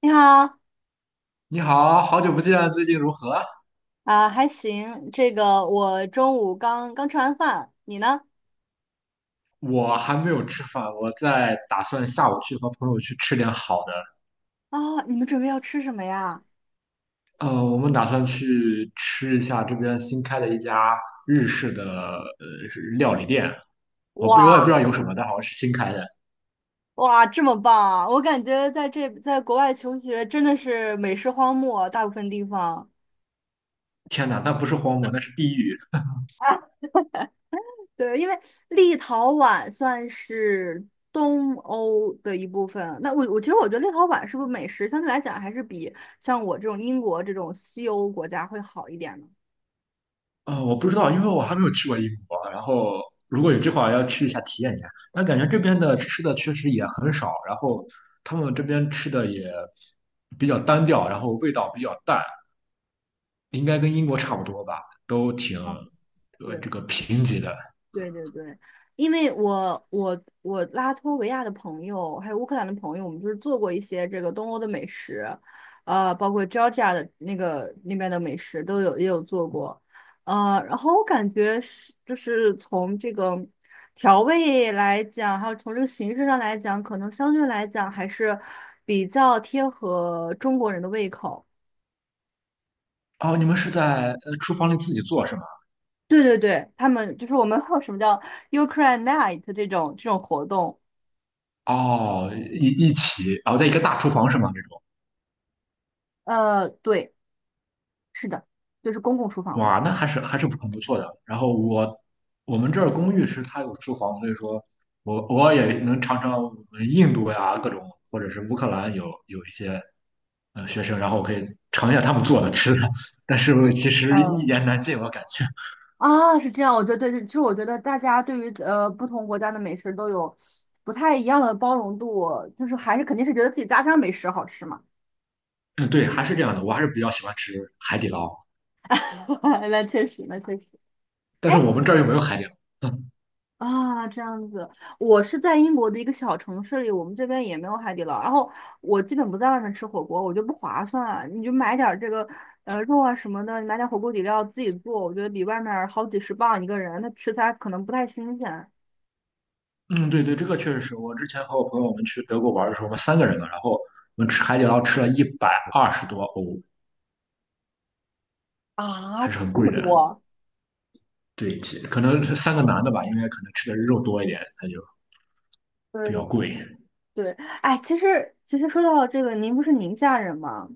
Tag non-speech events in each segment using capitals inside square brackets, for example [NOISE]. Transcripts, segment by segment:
你好。你好，好久不见，最近如何？啊，还行。这个我中午刚刚吃完饭，你呢？我还没有吃饭，我在打算下午去和朋友去吃点好的。啊，你们准备要吃什么呀？我们打算去吃一下这边新开的一家日式的料理店，我也哇不知道有什么，但好像是新开的。哇，这么棒啊！我感觉在这在国外求学真的是美食荒漠，大部分地方。天哪，那不是荒漠，那是地狱。对，因为立陶宛算是东欧的一部分。那我其实我觉得立陶宛是不是美食相对来讲还是比像我这种英国这种西欧国家会好一点呢？我不知道，因为我还没有去过英国。然后如果有计划要去一下体验一下，那感觉这边的吃的确实也很少，然后他们这边吃的也比较单调，然后味道比较淡。应该跟英国差不多吧，都挺哦，对。贫瘠的。对对对，因为我拉脱维亚的朋友，还有乌克兰的朋友，我们就是做过一些这个东欧的美食，包括 Georgia 的那个那边的美食都有也有做过，然后我感觉是就是从这个调味来讲，还有从这个形式上来讲，可能相对来讲还是比较贴合中国人的胃口。哦，你们是在厨房里自己做是吗？对对对，他们就是我们 [LAUGHS] 会有什么叫 Ukraine Night 这种活动。哦，一起，哦，在一个大厨房是吗？这种。呃，对，是的，就是公共厨房嘛。哇，那还是很不错的。然后我们这儿公寓是它有厨房，所以说我也能尝尝我们印度呀各种，或者是乌克兰有一些学生，然后我可以尝一下他们做的吃的，但是其实一嗯，言难尽，我感觉。啊，是这样，我觉得对，其实我觉得大家对于不同国家的美食都有不太一样的包容度，就是还是肯定是觉得自己家乡美食好吃嘛。嗯，对，还是这样的，我还是比较喜欢吃海底捞。[LAUGHS] 那确实，那确实。但哎是我们这儿又没有海底捞。嗯啊，这样子，我是在英国的一个小城市里，我们这边也没有海底捞，然后我基本不在外面吃火锅，我觉得不划算，你就买点儿这个肉啊什么的，你买点儿火锅底料自己做，我觉得比外面儿好几十磅一个人，他食材可能不太新鲜。嗯，对对，这个确实是我之前和我朋友我们去德国玩的时候，我们三个人嘛，然后我们吃海底捞吃了120多欧，啊，还是很这么贵的。多，对，可能是三个男的吧，因为可能吃的肉多一点，他就对比对较贵。对，哎，其实说到这个，您不是宁夏人吗？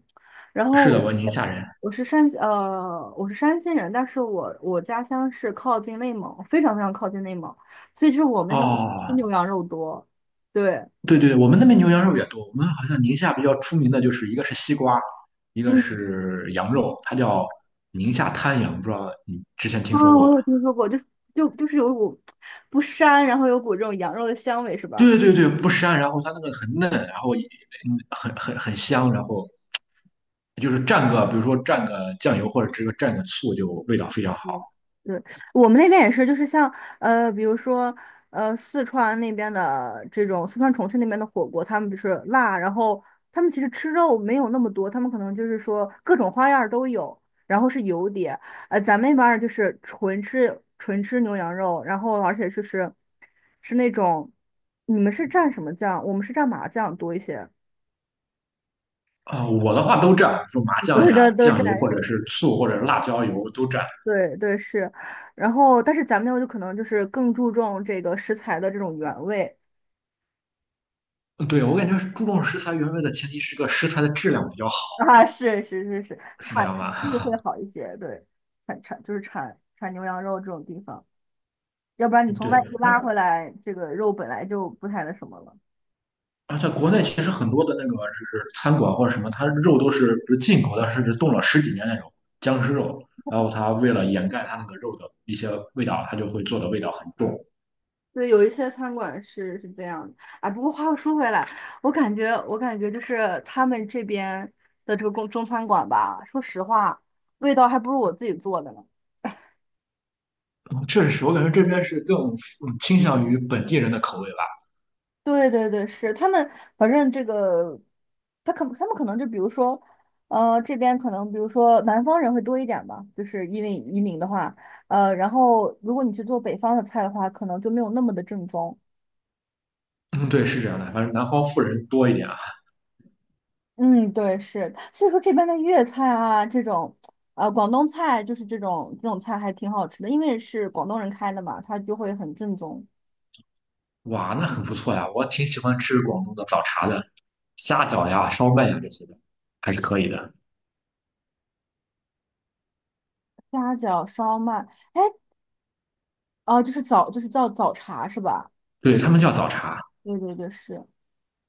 然后是的，我我宁夏人。我是山西人，但是我家乡是靠近内蒙，非常非常靠近内蒙，所以就是我们那头吃牛哦，羊肉多，对，对对，我们那边牛羊肉也多。我们好像宁夏比较出名的就是一个是西瓜，一个嗯，是羊肉，它叫宁夏滩羊，不知道你之前听啊，说过。我有听说过，就就是有股不膻，然后有股这种羊肉的香味，是吧？对对对，不膻，然后它那个很嫩，然后也很香，然后就是蘸个，比如说蘸个酱油或者这个蘸个醋，就味道非常好。嗯对，我们那边也是，就是像比如说四川那边的这种，四川重庆那边的火锅，他们就是辣，然后他们其实吃肉没有那么多，他们可能就是说各种花样儿都有，然后是油碟，咱们那边儿就是纯吃牛羊肉，然后而且就是是那种，你们是蘸什么酱？我们是蘸麻酱多一些。啊、我的话都蘸，比如说 [LAUGHS] 麻你多酱呀、少都酱油蘸或是者吗？是醋或者是辣椒油都蘸。对对是，然后但是咱们那边就可能就是更注重这个食材的这种原味。 对，我感觉注重食材原味的前提是个食材的质量比较好，[LAUGHS] 啊，是，是这产样产地吧？会好一些，对，就是产牛羊肉这种地方，要不然你 [LAUGHS] 从对，外地拉回来，这个肉本来就不太那什么了。而且国内其实很多的那个就是餐馆或者什么，它肉都是不是进口的，甚至冻了十几年那种僵尸肉。然后它为了掩盖它那个肉的一些味道，它就会做的味道很重。嗯对，有一些餐馆是这样的，哎，不过话又说回来，我感觉就是他们这边的这个中餐馆吧，说实话，味道还不如我自己做的呢。确实是我感觉这边是更倾向于本地人的口味吧。对对对，是他们，反正这个，他们可能就比如说，呃，这边可能比如说南方人会多一点吧，就是因为移民的话，然后如果你去做北方的菜的话，可能就没有那么的正宗。嗯，对，是这样的，反正南方富人多一点啊。嗯，对，是，所以说这边的粤菜啊，这种，广东菜就是这种菜还挺好吃的，因为是广东人开的嘛，它就会很正宗。哇，那很不错呀，我挺喜欢吃广东的早茶的，虾饺呀、烧麦呀这些的，还是可以的。虾饺、烧麦，哎，哦、就是早就是叫早茶是吧？对，他们叫早茶对对对，是。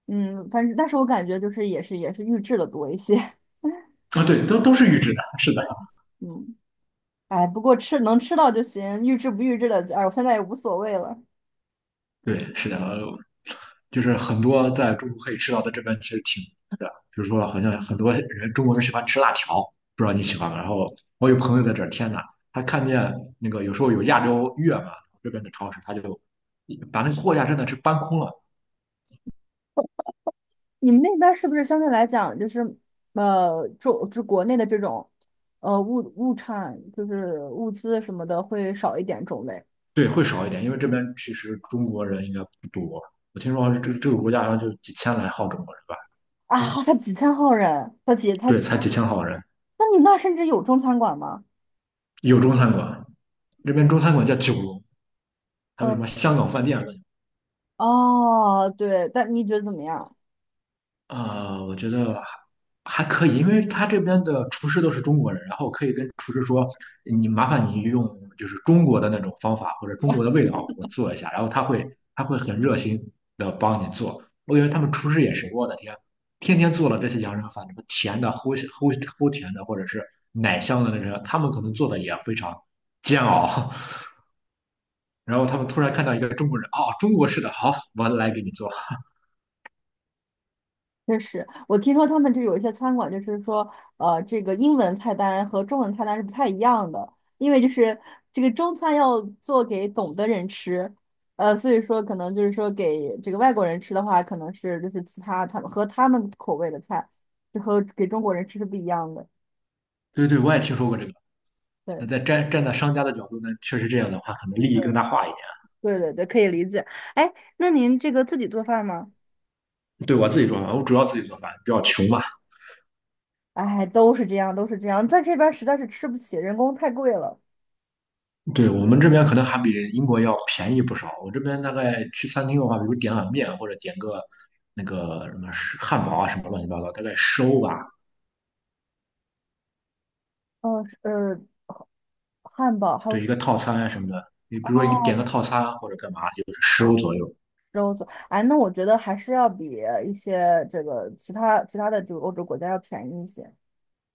嗯，反正但是我感觉就是也是预制的多一些。啊，对，都是预制的，是的，[LAUGHS] 嗯，哎，不过吃能吃到就行，预制不预制的，哎，我现在也无所谓了。对，是的，就是很多在中国可以吃到的这边其实挺的，比如说好像很多人中国人喜欢吃辣条，不知道你喜欢吗？然后我有朋友在这儿，天呐，他看见那个有时候有亚洲月嘛，这边的超市他就把那个货架真的是搬空了。你们那边儿是不是相对来讲就是国内的这种呃物物产就是物资什么的会少一点种类？对，会少一点，因为这边其实中国人应该不多，我听说这个国家好像就几千来号中国人吧。啊？才几千号人，才几才对，几，才几千号人，那你们那儿甚至有中餐馆吗？有中餐馆，这边中餐馆叫九龙，还有嗯，什么香港饭店。哦，对，但你觉得怎么样？我觉得还可以，因为他这边的厨师都是中国人，然后可以跟厨师说，你麻烦你用就是中国的那种方法或者中国的味道我做一下，然后他会很热心的帮你做。我感觉他们厨师也是，我的天，天天做了这些洋人饭，什么甜的、齁齁齁甜的，或者是奶香的那种，他们可能做的也非常煎熬。[LAUGHS] 然后他们突然看到一个中国人，哦，中国式的，好，我来给你做。确实，我听说他们就有一些餐馆，就是说，呃，这个英文菜单和中文菜单是不太一样的，因为就是这个中餐要做给懂的人吃，所以说可能就是说给这个外国人吃的话，可能是就是其他他们和他们口味的菜，就和给中国人吃是不一样的。对对，我也听说过这个。那对，站在商家的角度呢，确实这样的话，可能利益更大化一点。对对对，可以理解。哎，那您这个自己做饭吗？对我自己做饭，我主要自己做饭，比较穷嘛。哎，都是这样，都是这样，在这边实在是吃不起，人工太贵了。对我们这边可能还比英国要便宜不少。我这边大概去餐厅的话，比如点碗面或者点个那个什么汉堡啊什么乱七八糟，大概十欧吧。嗯，呃，汉堡还有对，什一个套餐啊什么的，你比么？如说你点个哦。套餐或者干嘛，就是十欧左右。哎，那我觉得还是要比一些这个其他的这个欧洲国家要便宜一些。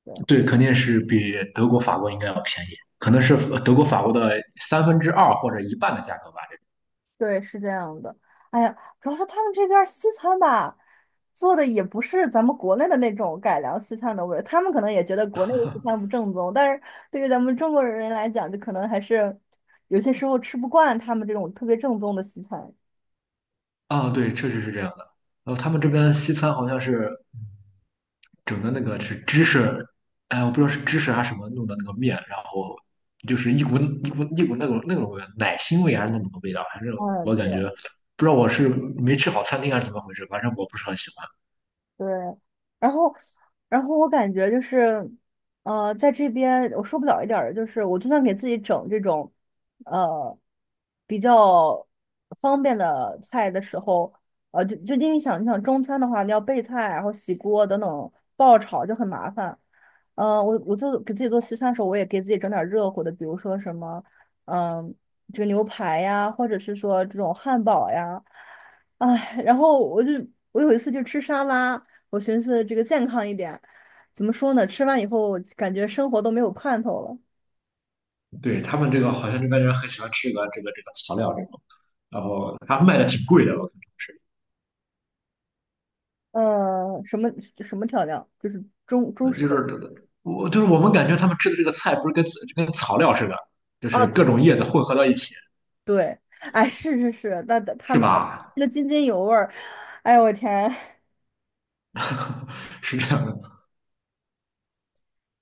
对对，肯定是比德国、法国应该要便宜，可能是德国、法国的三分之二或者一半的价格吧。对，是这样的。哎呀，主要是他们这边儿西餐吧，做的也不是咱们国内的那种改良西餐的味儿，他们可能也觉得国内的西餐不正宗，但是对于咱们中国人来讲，就可能还是有些时候吃不惯他们这种特别正宗的西餐。啊，对，确实是这样的。然后他们这边西餐好像是整的那个是芝士，哎，我不知道是芝士还是什么弄的那个面，然后就是一股一股一股那种味奶腥味还是那种味道，反正嗯，我对。感觉不知道我是没吃好餐厅还是怎么回事，反正我不是很喜欢。对，然后，然后我感觉就是，呃，在这边我受不了一点儿的就是，我就算给自己整这种，呃，比较方便的菜的时候，就因为想，你想中餐的话，你要备菜，然后洗锅等等，爆炒就很麻烦。嗯、我就给自己做西餐的时候，我也给自己整点儿热乎的，比如说什么，嗯、这个牛排呀，或者是说这种汉堡呀，哎，然后我有一次就吃沙拉。我寻思这个健康一点，怎么说呢？吃完以后感觉生活都没有盼头了。对，他们这个好像这边人很喜欢吃这个草料这种，然后他卖的挺贵的，我看是，呃，什么调料？就是中中呃式就的是我就是我们感觉他们吃的这个菜不是跟草料似的，就啊，是各种叶子混合到一起。对，哎，是是是，那那他是们吧？那津津有味儿。哎呦我天，是这样的。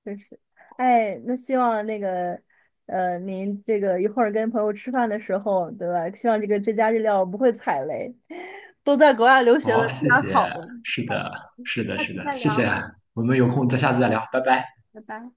真是，哎，那希望那个您这个一会儿跟朋友吃饭的时候，对吧？希望这个这家日料不会踩雷。都在国外留学了，好，吃谢点谢。好的。是好的，的，是的，下是次的，再谢谢。聊，我们有空再下次再聊，拜拜。拜拜。